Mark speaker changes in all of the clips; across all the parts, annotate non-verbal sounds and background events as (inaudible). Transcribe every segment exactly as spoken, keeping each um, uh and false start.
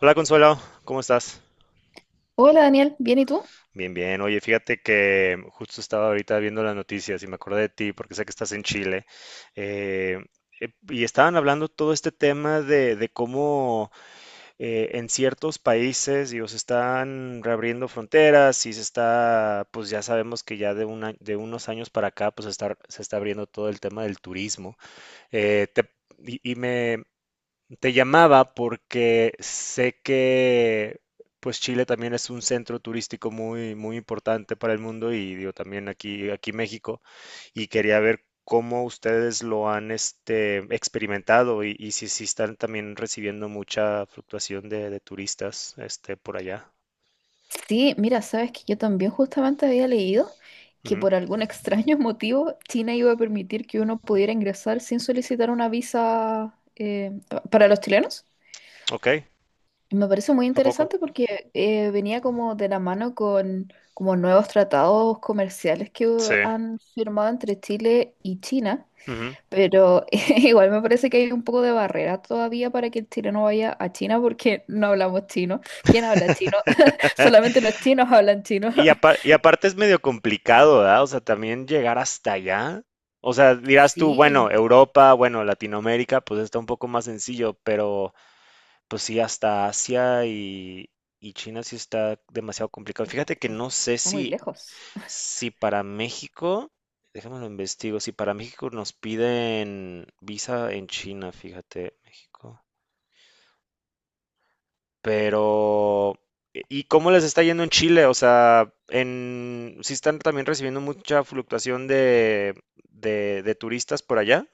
Speaker 1: Hola Consuelo, ¿cómo estás?
Speaker 2: Hola Daniel, ¿bien y tú?
Speaker 1: Bien, bien. Oye, fíjate que justo estaba ahorita viendo las noticias y me acordé de ti porque sé que estás en Chile. eh, eh, y estaban hablando todo este tema de, de cómo eh, en ciertos países, digo, se están reabriendo fronteras y se está, pues ya sabemos que ya de, una, de unos años para acá, pues se está, se está abriendo todo el tema del turismo. Eh, te- y, y me, Te llamaba porque sé que pues Chile también es un centro turístico muy muy importante para el mundo y digo también aquí aquí México, y quería ver cómo ustedes lo han este experimentado, y, y si, si están también recibiendo mucha fluctuación de, de turistas este por allá.
Speaker 2: Sí, mira, sabes que yo también justamente había leído que
Speaker 1: Ujú.
Speaker 2: por algún (laughs) extraño motivo China iba a permitir que uno pudiera ingresar sin solicitar una visa eh, pa- para los chilenos.
Speaker 1: Ok.
Speaker 2: Y me parece muy
Speaker 1: ¿A poco?
Speaker 2: interesante porque eh, venía como de la mano con como nuevos tratados comerciales que
Speaker 1: Sí.
Speaker 2: han firmado entre Chile y China.
Speaker 1: Ujú.
Speaker 2: Pero (laughs) igual me parece que hay un poco de barrera todavía para que el chileno vaya a China porque (laughs) no hablamos chino. ¿Quién habla chino? (laughs)
Speaker 1: (laughs)
Speaker 2: Solamente los chinos hablan chino.
Speaker 1: Y, apa-
Speaker 2: (laughs)
Speaker 1: y aparte es medio complicado, ¿verdad? O sea, también llegar hasta allá. O sea, dirás tú, bueno,
Speaker 2: Sí,
Speaker 1: Europa, bueno, Latinoamérica, pues está un poco más sencillo, pero pues sí, hasta Asia y, y China sí está demasiado complicado.
Speaker 2: es-
Speaker 1: Fíjate que
Speaker 2: es-
Speaker 1: no sé
Speaker 2: está muy
Speaker 1: si,
Speaker 2: lejos.
Speaker 1: si para México, déjame lo investigo, si para México nos piden visa en China, fíjate, México. Pero, e, ¿y cómo les está yendo en Chile? O sea, en, ¿sí están también recibiendo mucha fluctuación de, de, de turistas por allá?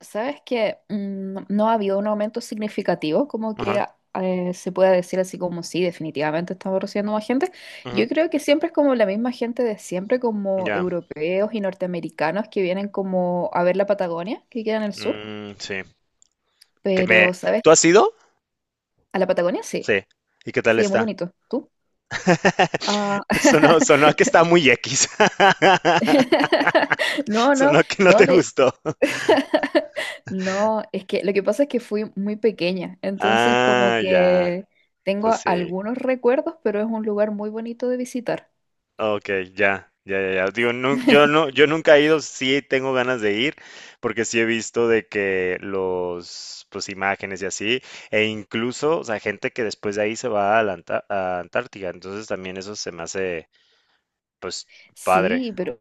Speaker 2: ¿Sabes que no no ha habido un aumento significativo? Como que
Speaker 1: Ajá.
Speaker 2: ah, eh, se pueda decir así como sí, definitivamente estamos recibiendo más gente.
Speaker 1: Ujú.
Speaker 2: Yo creo que siempre es como la misma gente de siempre, como
Speaker 1: Ya.
Speaker 2: europeos y norteamericanos que vienen como a ver la Patagonia, que queda en el sur.
Speaker 1: Mm, sí. Que me,
Speaker 2: Pero, ¿sabes?
Speaker 1: ¿tú has ido?
Speaker 2: A la Patagonia, sí.
Speaker 1: Sí. ¿Y qué tal
Speaker 2: Sí, es muy
Speaker 1: está?
Speaker 2: bonito. ¿Tú? Ah,
Speaker 1: (laughs) Sonó, sonó a que está muy X.
Speaker 2: (laughs)
Speaker 1: (laughs)
Speaker 2: no, no,
Speaker 1: Sonó a que no te
Speaker 2: no, de...
Speaker 1: gustó.
Speaker 2: (laughs) No, es que lo que pasa es que fui muy pequeña, entonces como
Speaker 1: Ah, ya.
Speaker 2: que
Speaker 1: Pues
Speaker 2: tengo
Speaker 1: sí.
Speaker 2: algunos recuerdos, pero es un lugar muy bonito de visitar.
Speaker 1: Ok, ya, ya, ya, ya. Digo, nun- yo
Speaker 2: (laughs)
Speaker 1: no, yo nunca he ido, sí tengo ganas de ir, porque sí he visto de que los, pues imágenes y así, e incluso, o sea, gente que después de ahí se va a la Anta- a Antártica, entonces también eso se me hace, pues, padre.
Speaker 2: Sí, pero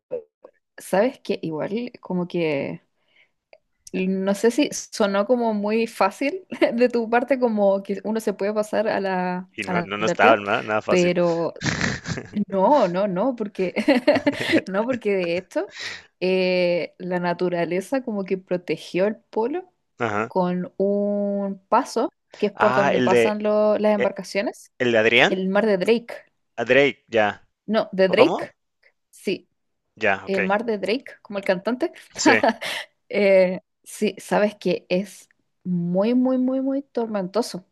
Speaker 2: sabes que igual como que no sé si sonó como muy fácil (laughs) de tu parte como que uno se puede pasar a la,
Speaker 1: Y
Speaker 2: a
Speaker 1: no,
Speaker 2: la
Speaker 1: no, no está
Speaker 2: Antártida,
Speaker 1: nada, nada fácil.
Speaker 2: pero
Speaker 1: (laughs)
Speaker 2: no, no, no, porque (laughs) no, porque de esto eh, la naturaleza como que protegió el polo
Speaker 1: Ajá.
Speaker 2: con un paso que es por
Speaker 1: Ah,
Speaker 2: donde
Speaker 1: el de,
Speaker 2: pasan lo- las
Speaker 1: eh,
Speaker 2: embarcaciones,
Speaker 1: el de Adrián,
Speaker 2: el mar de Drake.
Speaker 1: a Drake, ya.
Speaker 2: No, de
Speaker 1: ¿O cómo?
Speaker 2: Drake, sí,
Speaker 1: Ya, ok.
Speaker 2: el mar de Drake, como el cantante.
Speaker 1: Sí.
Speaker 2: (laughs) Eh, sí, sabes que es muy, muy, muy, muy tormentoso.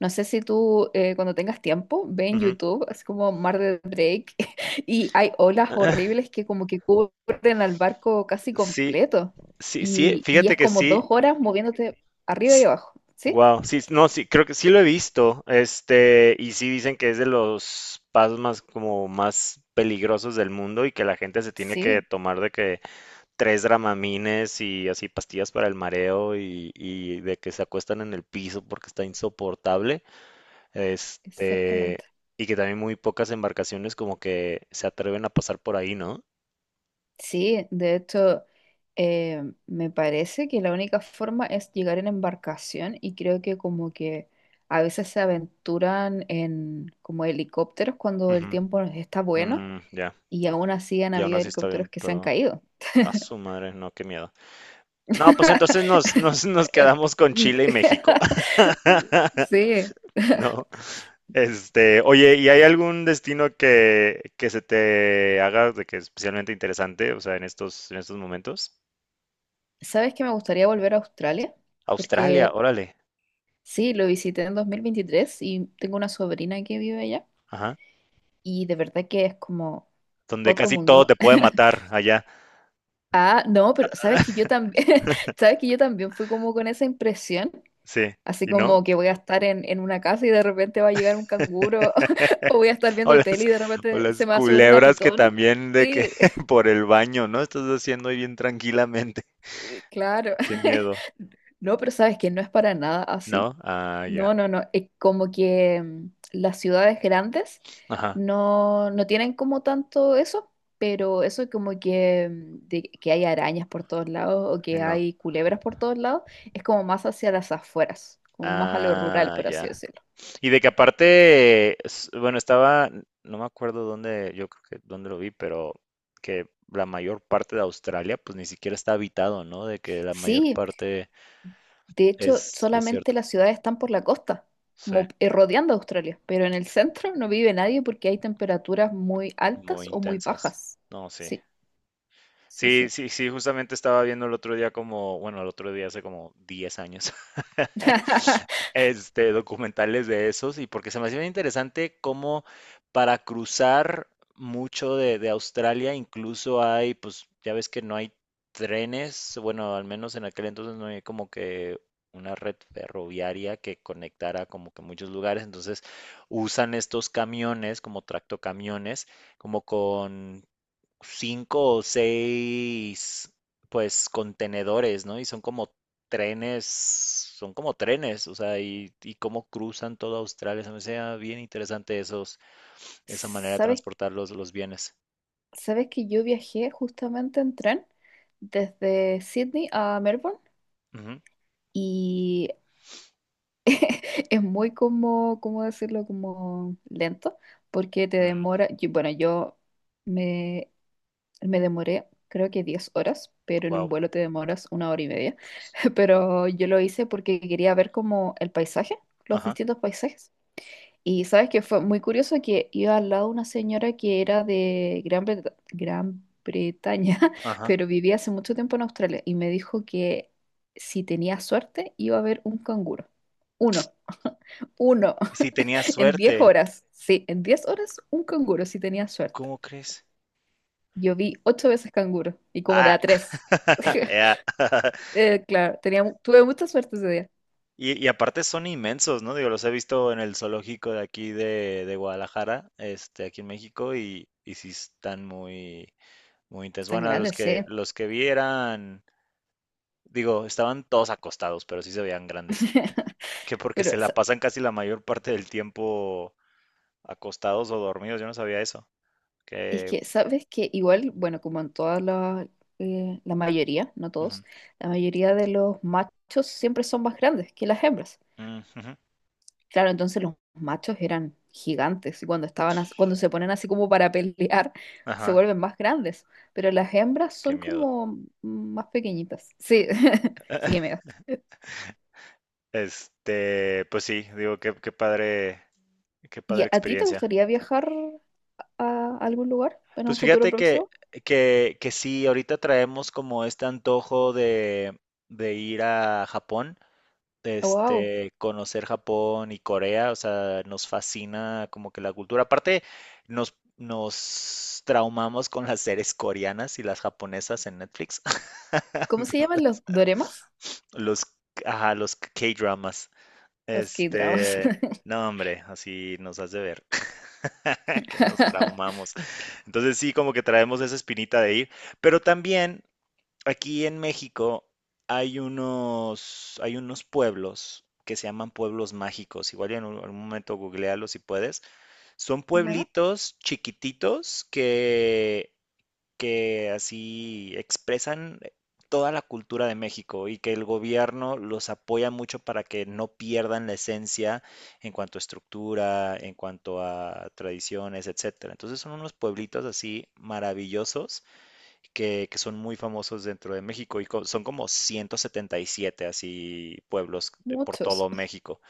Speaker 2: No sé si tú eh, cuando tengas tiempo, ve en
Speaker 1: Ujú.
Speaker 2: YouTube, así como Mar de Drake, (laughs) y hay olas
Speaker 1: (laughs)
Speaker 2: horribles que como que cubren al barco casi
Speaker 1: Sí,
Speaker 2: completo.
Speaker 1: sí, sí,
Speaker 2: Y, y
Speaker 1: fíjate
Speaker 2: es
Speaker 1: que
Speaker 2: como
Speaker 1: sí.
Speaker 2: dos horas moviéndote arriba y abajo. ¿Sí?
Speaker 1: Wow, sí, no, sí, creo que sí lo he visto, este, y sí dicen que es de los pasos más, como más peligrosos del mundo, y que la gente se tiene que
Speaker 2: Sí,
Speaker 1: tomar de que tres dramamines y así pastillas para el mareo, y, y de que se acuestan en el piso porque está insoportable, este,
Speaker 2: exactamente.
Speaker 1: y que también muy pocas embarcaciones como que se atreven a pasar por ahí, ¿no?
Speaker 2: Sí, de hecho, eh, me parece que la única forma es llegar en embarcación y creo que como que a veces se aventuran en como helicópteros cuando el
Speaker 1: Ujú.
Speaker 2: tiempo está bueno.
Speaker 1: Mm, ya.
Speaker 2: Y aún así han
Speaker 1: Y aún
Speaker 2: habido
Speaker 1: así está bien,
Speaker 2: helicópteros que se han
Speaker 1: perdón.
Speaker 2: caído.
Speaker 1: A su madre, no, qué miedo. No, pues
Speaker 2: (laughs)
Speaker 1: entonces nos, nos, nos
Speaker 2: Eh,
Speaker 1: quedamos con Chile y México.
Speaker 2: (laughs)
Speaker 1: (laughs)
Speaker 2: sí.
Speaker 1: No, este, oye, ¿y hay algún destino que, que se te haga de que especialmente interesante? O sea, en estos, en estos momentos.
Speaker 2: ¿Sabes que me gustaría volver a Australia?
Speaker 1: Australia,
Speaker 2: Porque
Speaker 1: órale,
Speaker 2: sí, lo visité en dos mil veintitrés y tengo una sobrina que vive allá.
Speaker 1: ajá,
Speaker 2: Y de verdad que es como
Speaker 1: donde
Speaker 2: otro
Speaker 1: casi todo
Speaker 2: mundo.
Speaker 1: te puede
Speaker 2: (laughs)
Speaker 1: matar allá.
Speaker 2: Ah, no, pero sabes que yo
Speaker 1: (laughs)
Speaker 2: también, (laughs) sabes que yo también fui como con esa impresión,
Speaker 1: Sí,
Speaker 2: así
Speaker 1: ¿y no?
Speaker 2: como que voy a estar en, en una casa y de repente va a llegar un canguro, (laughs) o
Speaker 1: (laughs)
Speaker 2: voy a estar
Speaker 1: O
Speaker 2: viendo
Speaker 1: las,
Speaker 2: tele y de
Speaker 1: o
Speaker 2: repente se
Speaker 1: las
Speaker 2: me va a subir una
Speaker 1: culebras que
Speaker 2: pitón.
Speaker 1: también de que
Speaker 2: Sí,
Speaker 1: (laughs) por el baño, ¿no? Estás haciendo ahí bien tranquilamente,
Speaker 2: claro.
Speaker 1: qué
Speaker 2: (laughs)
Speaker 1: miedo,
Speaker 2: No, pero sabes que no es para nada así.
Speaker 1: ¿no? Ah, ya,
Speaker 2: No, no, no. Es como que mm, las ciudades grandes
Speaker 1: ajá,
Speaker 2: no, no tienen como tanto eso, pero eso como que, mm, de que hay arañas por todos lados o
Speaker 1: y
Speaker 2: que
Speaker 1: no,
Speaker 2: hay culebras por todos lados, es como más hacia las afueras, como más a lo rural,
Speaker 1: ah,
Speaker 2: por así
Speaker 1: ya.
Speaker 2: decirlo.
Speaker 1: Y de que aparte, s- bueno, estaba, no me acuerdo dónde, yo creo que dónde lo vi, pero que la mayor parte de Australia pues ni siquiera está habitado, ¿no? De que la mayor
Speaker 2: Sí,
Speaker 1: parte
Speaker 2: de hecho,
Speaker 1: es
Speaker 2: solamente
Speaker 1: desierto.
Speaker 2: las ciudades están por la costa,
Speaker 1: Sí,
Speaker 2: como eh, rodeando Australia, pero en el centro no vive nadie porque hay temperaturas muy altas
Speaker 1: muy
Speaker 2: o muy
Speaker 1: intensas.
Speaker 2: bajas.
Speaker 1: No, sí.
Speaker 2: Sí. Sí,
Speaker 1: Sí,
Speaker 2: sí.
Speaker 1: sí, sí, justamente estaba viendo el otro día, como, bueno, el otro día hace como diez años. (laughs)
Speaker 2: (laughs)
Speaker 1: Este, documentales de esos, y porque se me hacía bien interesante cómo, para cruzar mucho de, de Australia, incluso hay, pues ya ves que no hay trenes, bueno, al menos en aquel entonces, no hay como que una red ferroviaria que conectara como que muchos lugares, entonces usan estos camiones como tractocamiones, como con cinco o seis, pues, contenedores, ¿no? Y son como trenes, son como trenes, o sea, y, y cómo cruzan toda Australia. Se me hacía bien interesante esos, esa manera de
Speaker 2: ¿Sabes,
Speaker 1: transportar los, los bienes.
Speaker 2: sabes que yo viajé justamente en tren desde Sydney a Melbourne
Speaker 1: Ujú.
Speaker 2: y (laughs) es muy como, ¿cómo decirlo? Como lento, porque te
Speaker 1: Mm,
Speaker 2: demora, yo- bueno, yo me, me demoré creo que diez horas, pero en un
Speaker 1: wow.
Speaker 2: vuelo te demoras una hora y media,
Speaker 1: S-
Speaker 2: (laughs) pero yo lo hice porque quería ver como el paisaje, los
Speaker 1: Ajá,
Speaker 2: distintos paisajes. Y sabes que fue muy curioso que iba al lado una señora que era de Gran Breta- Gran Bretaña, (laughs)
Speaker 1: ajá.
Speaker 2: pero vivía hace mucho tiempo en Australia y me dijo que si tenía suerte iba a haber un canguro. Uno, uno,
Speaker 1: Y si tenías
Speaker 2: (laughs) en diez
Speaker 1: suerte,
Speaker 2: horas. Sí, en diez horas un canguro si tenía suerte.
Speaker 1: ¿cómo crees?
Speaker 2: Yo vi ocho veces canguro y como de
Speaker 1: Ah,
Speaker 2: a tres. (laughs)
Speaker 1: ya. (laughs)
Speaker 2: Eh, claro, tenía, mu- tuve mucha suerte ese día.
Speaker 1: Y, y aparte son inmensos, ¿no? Digo, los he visto en el zoológico de aquí de, de Guadalajara, este, aquí en México, y, y sí están muy, muy intensos.
Speaker 2: Están
Speaker 1: Bueno, los
Speaker 2: grandes, sí.
Speaker 1: que, los que vi eran, digo, estaban todos acostados, pero sí se veían grandes. Que
Speaker 2: (laughs)
Speaker 1: porque
Speaker 2: Pero
Speaker 1: se la pasan casi la mayor parte del tiempo acostados o dormidos, yo no sabía eso.
Speaker 2: es
Speaker 1: Que...
Speaker 2: que, ¿sabes que igual, bueno, como en todas las, eh, la mayoría, no
Speaker 1: Ujú.
Speaker 2: todos, la mayoría de los machos siempre son más grandes que las hembras.
Speaker 1: Mm, ujú.
Speaker 2: Claro, entonces los machos eran gigantes y cuando estaban, as- cuando se ponen así como para pelear, (laughs) se
Speaker 1: Ajá,
Speaker 2: vuelven más grandes, pero las hembras
Speaker 1: qué
Speaker 2: son
Speaker 1: miedo.
Speaker 2: como más pequeñitas. Sí, (laughs) sí que me da.
Speaker 1: Este, pues sí, digo, qué, qué padre, qué
Speaker 2: ¿Y
Speaker 1: padre
Speaker 2: a ti te
Speaker 1: experiencia.
Speaker 2: gustaría viajar a algún lugar en un
Speaker 1: Pues
Speaker 2: futuro
Speaker 1: fíjate que,
Speaker 2: próximo?
Speaker 1: que, que sí, ahorita traemos como este antojo de, de ir a Japón,
Speaker 2: Wow.
Speaker 1: este, conocer Japón y Corea, o sea, nos fascina como que la cultura. Aparte, nos, nos traumamos con las series coreanas y las japonesas en Netflix.
Speaker 2: ¿Cómo
Speaker 1: (laughs)
Speaker 2: se llaman los doremas?
Speaker 1: Los, ajá, los K-dramas.
Speaker 2: Los K-dramas.
Speaker 1: Este, no, hombre, así nos hace ver (laughs) que nos
Speaker 2: (laughs)
Speaker 1: traumamos. Entonces sí, como que traemos esa espinita de ir, pero también aquí en México hay unos, hay unos, pueblos que se llaman pueblos mágicos. Igual y en un- algún momento googlealo si puedes. Son
Speaker 2: Bueno.
Speaker 1: pueblitos chiquititos que, que así expresan toda la cultura de México, y que el gobierno los apoya mucho para que no pierdan la esencia en cuanto a estructura, en cuanto a tradiciones, etcétera. Entonces son unos pueblitos así maravillosos que, que son muy famosos dentro de México, y co- son como ciento setenta y siete así pueblos de- por
Speaker 2: Muchos.
Speaker 1: todo México.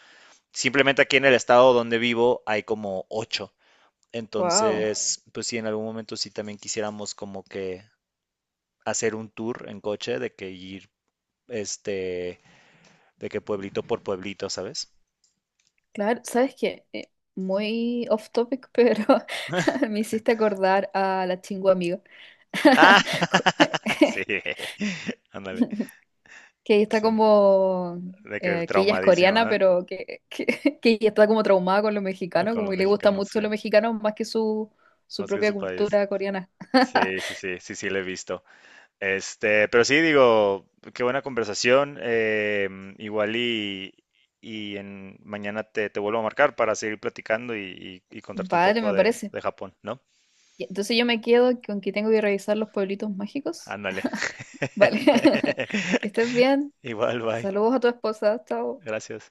Speaker 1: Simplemente aquí en el estado donde vivo hay como ocho.
Speaker 2: Wow.
Speaker 1: Entonces, pues sí, en algún momento sí también quisiéramos como que hacer un tour en coche, de que ir, este, de que pueblito por pueblito, ¿sabes?
Speaker 2: Claro, ¿sabes qué? Eh, muy off topic, pero (laughs)
Speaker 1: (laughs)
Speaker 2: me hiciste acordar a la chingua amiga.
Speaker 1: Ah,
Speaker 2: (laughs) Cu-
Speaker 1: (laughs) sí,
Speaker 2: (laughs)
Speaker 1: ándale,
Speaker 2: que está
Speaker 1: sí,
Speaker 2: como
Speaker 1: de que
Speaker 2: eh, que ella es
Speaker 1: traumadísimo,
Speaker 2: coreana,
Speaker 1: ¿eh?
Speaker 2: pero que, que, (laughs) que ella está como traumada con lo mexicano,
Speaker 1: Con
Speaker 2: como
Speaker 1: los
Speaker 2: que le gusta
Speaker 1: mexicanos, sí,
Speaker 2: mucho lo mexicano más que su, su
Speaker 1: más que
Speaker 2: propia
Speaker 1: su país.
Speaker 2: cultura coreana. (laughs)
Speaker 1: Sí, sí, sí, sí, sí, lo he visto. Este, pero sí, digo, qué buena conversación. Eh, igual y, y en, mañana te, te vuelvo a marcar para seguir platicando, y, y- y contarte un
Speaker 2: Vale,
Speaker 1: poco
Speaker 2: me
Speaker 1: de,
Speaker 2: parece.
Speaker 1: de Japón, ¿no?
Speaker 2: Y entonces yo me quedo con que tengo que revisar los pueblitos mágicos.
Speaker 1: Ándale.
Speaker 2: (laughs) Vale. (laughs) Que estés
Speaker 1: (laughs)
Speaker 2: bien.
Speaker 1: Igual, bye.
Speaker 2: Saludos a tu esposa. Chao.
Speaker 1: Gracias.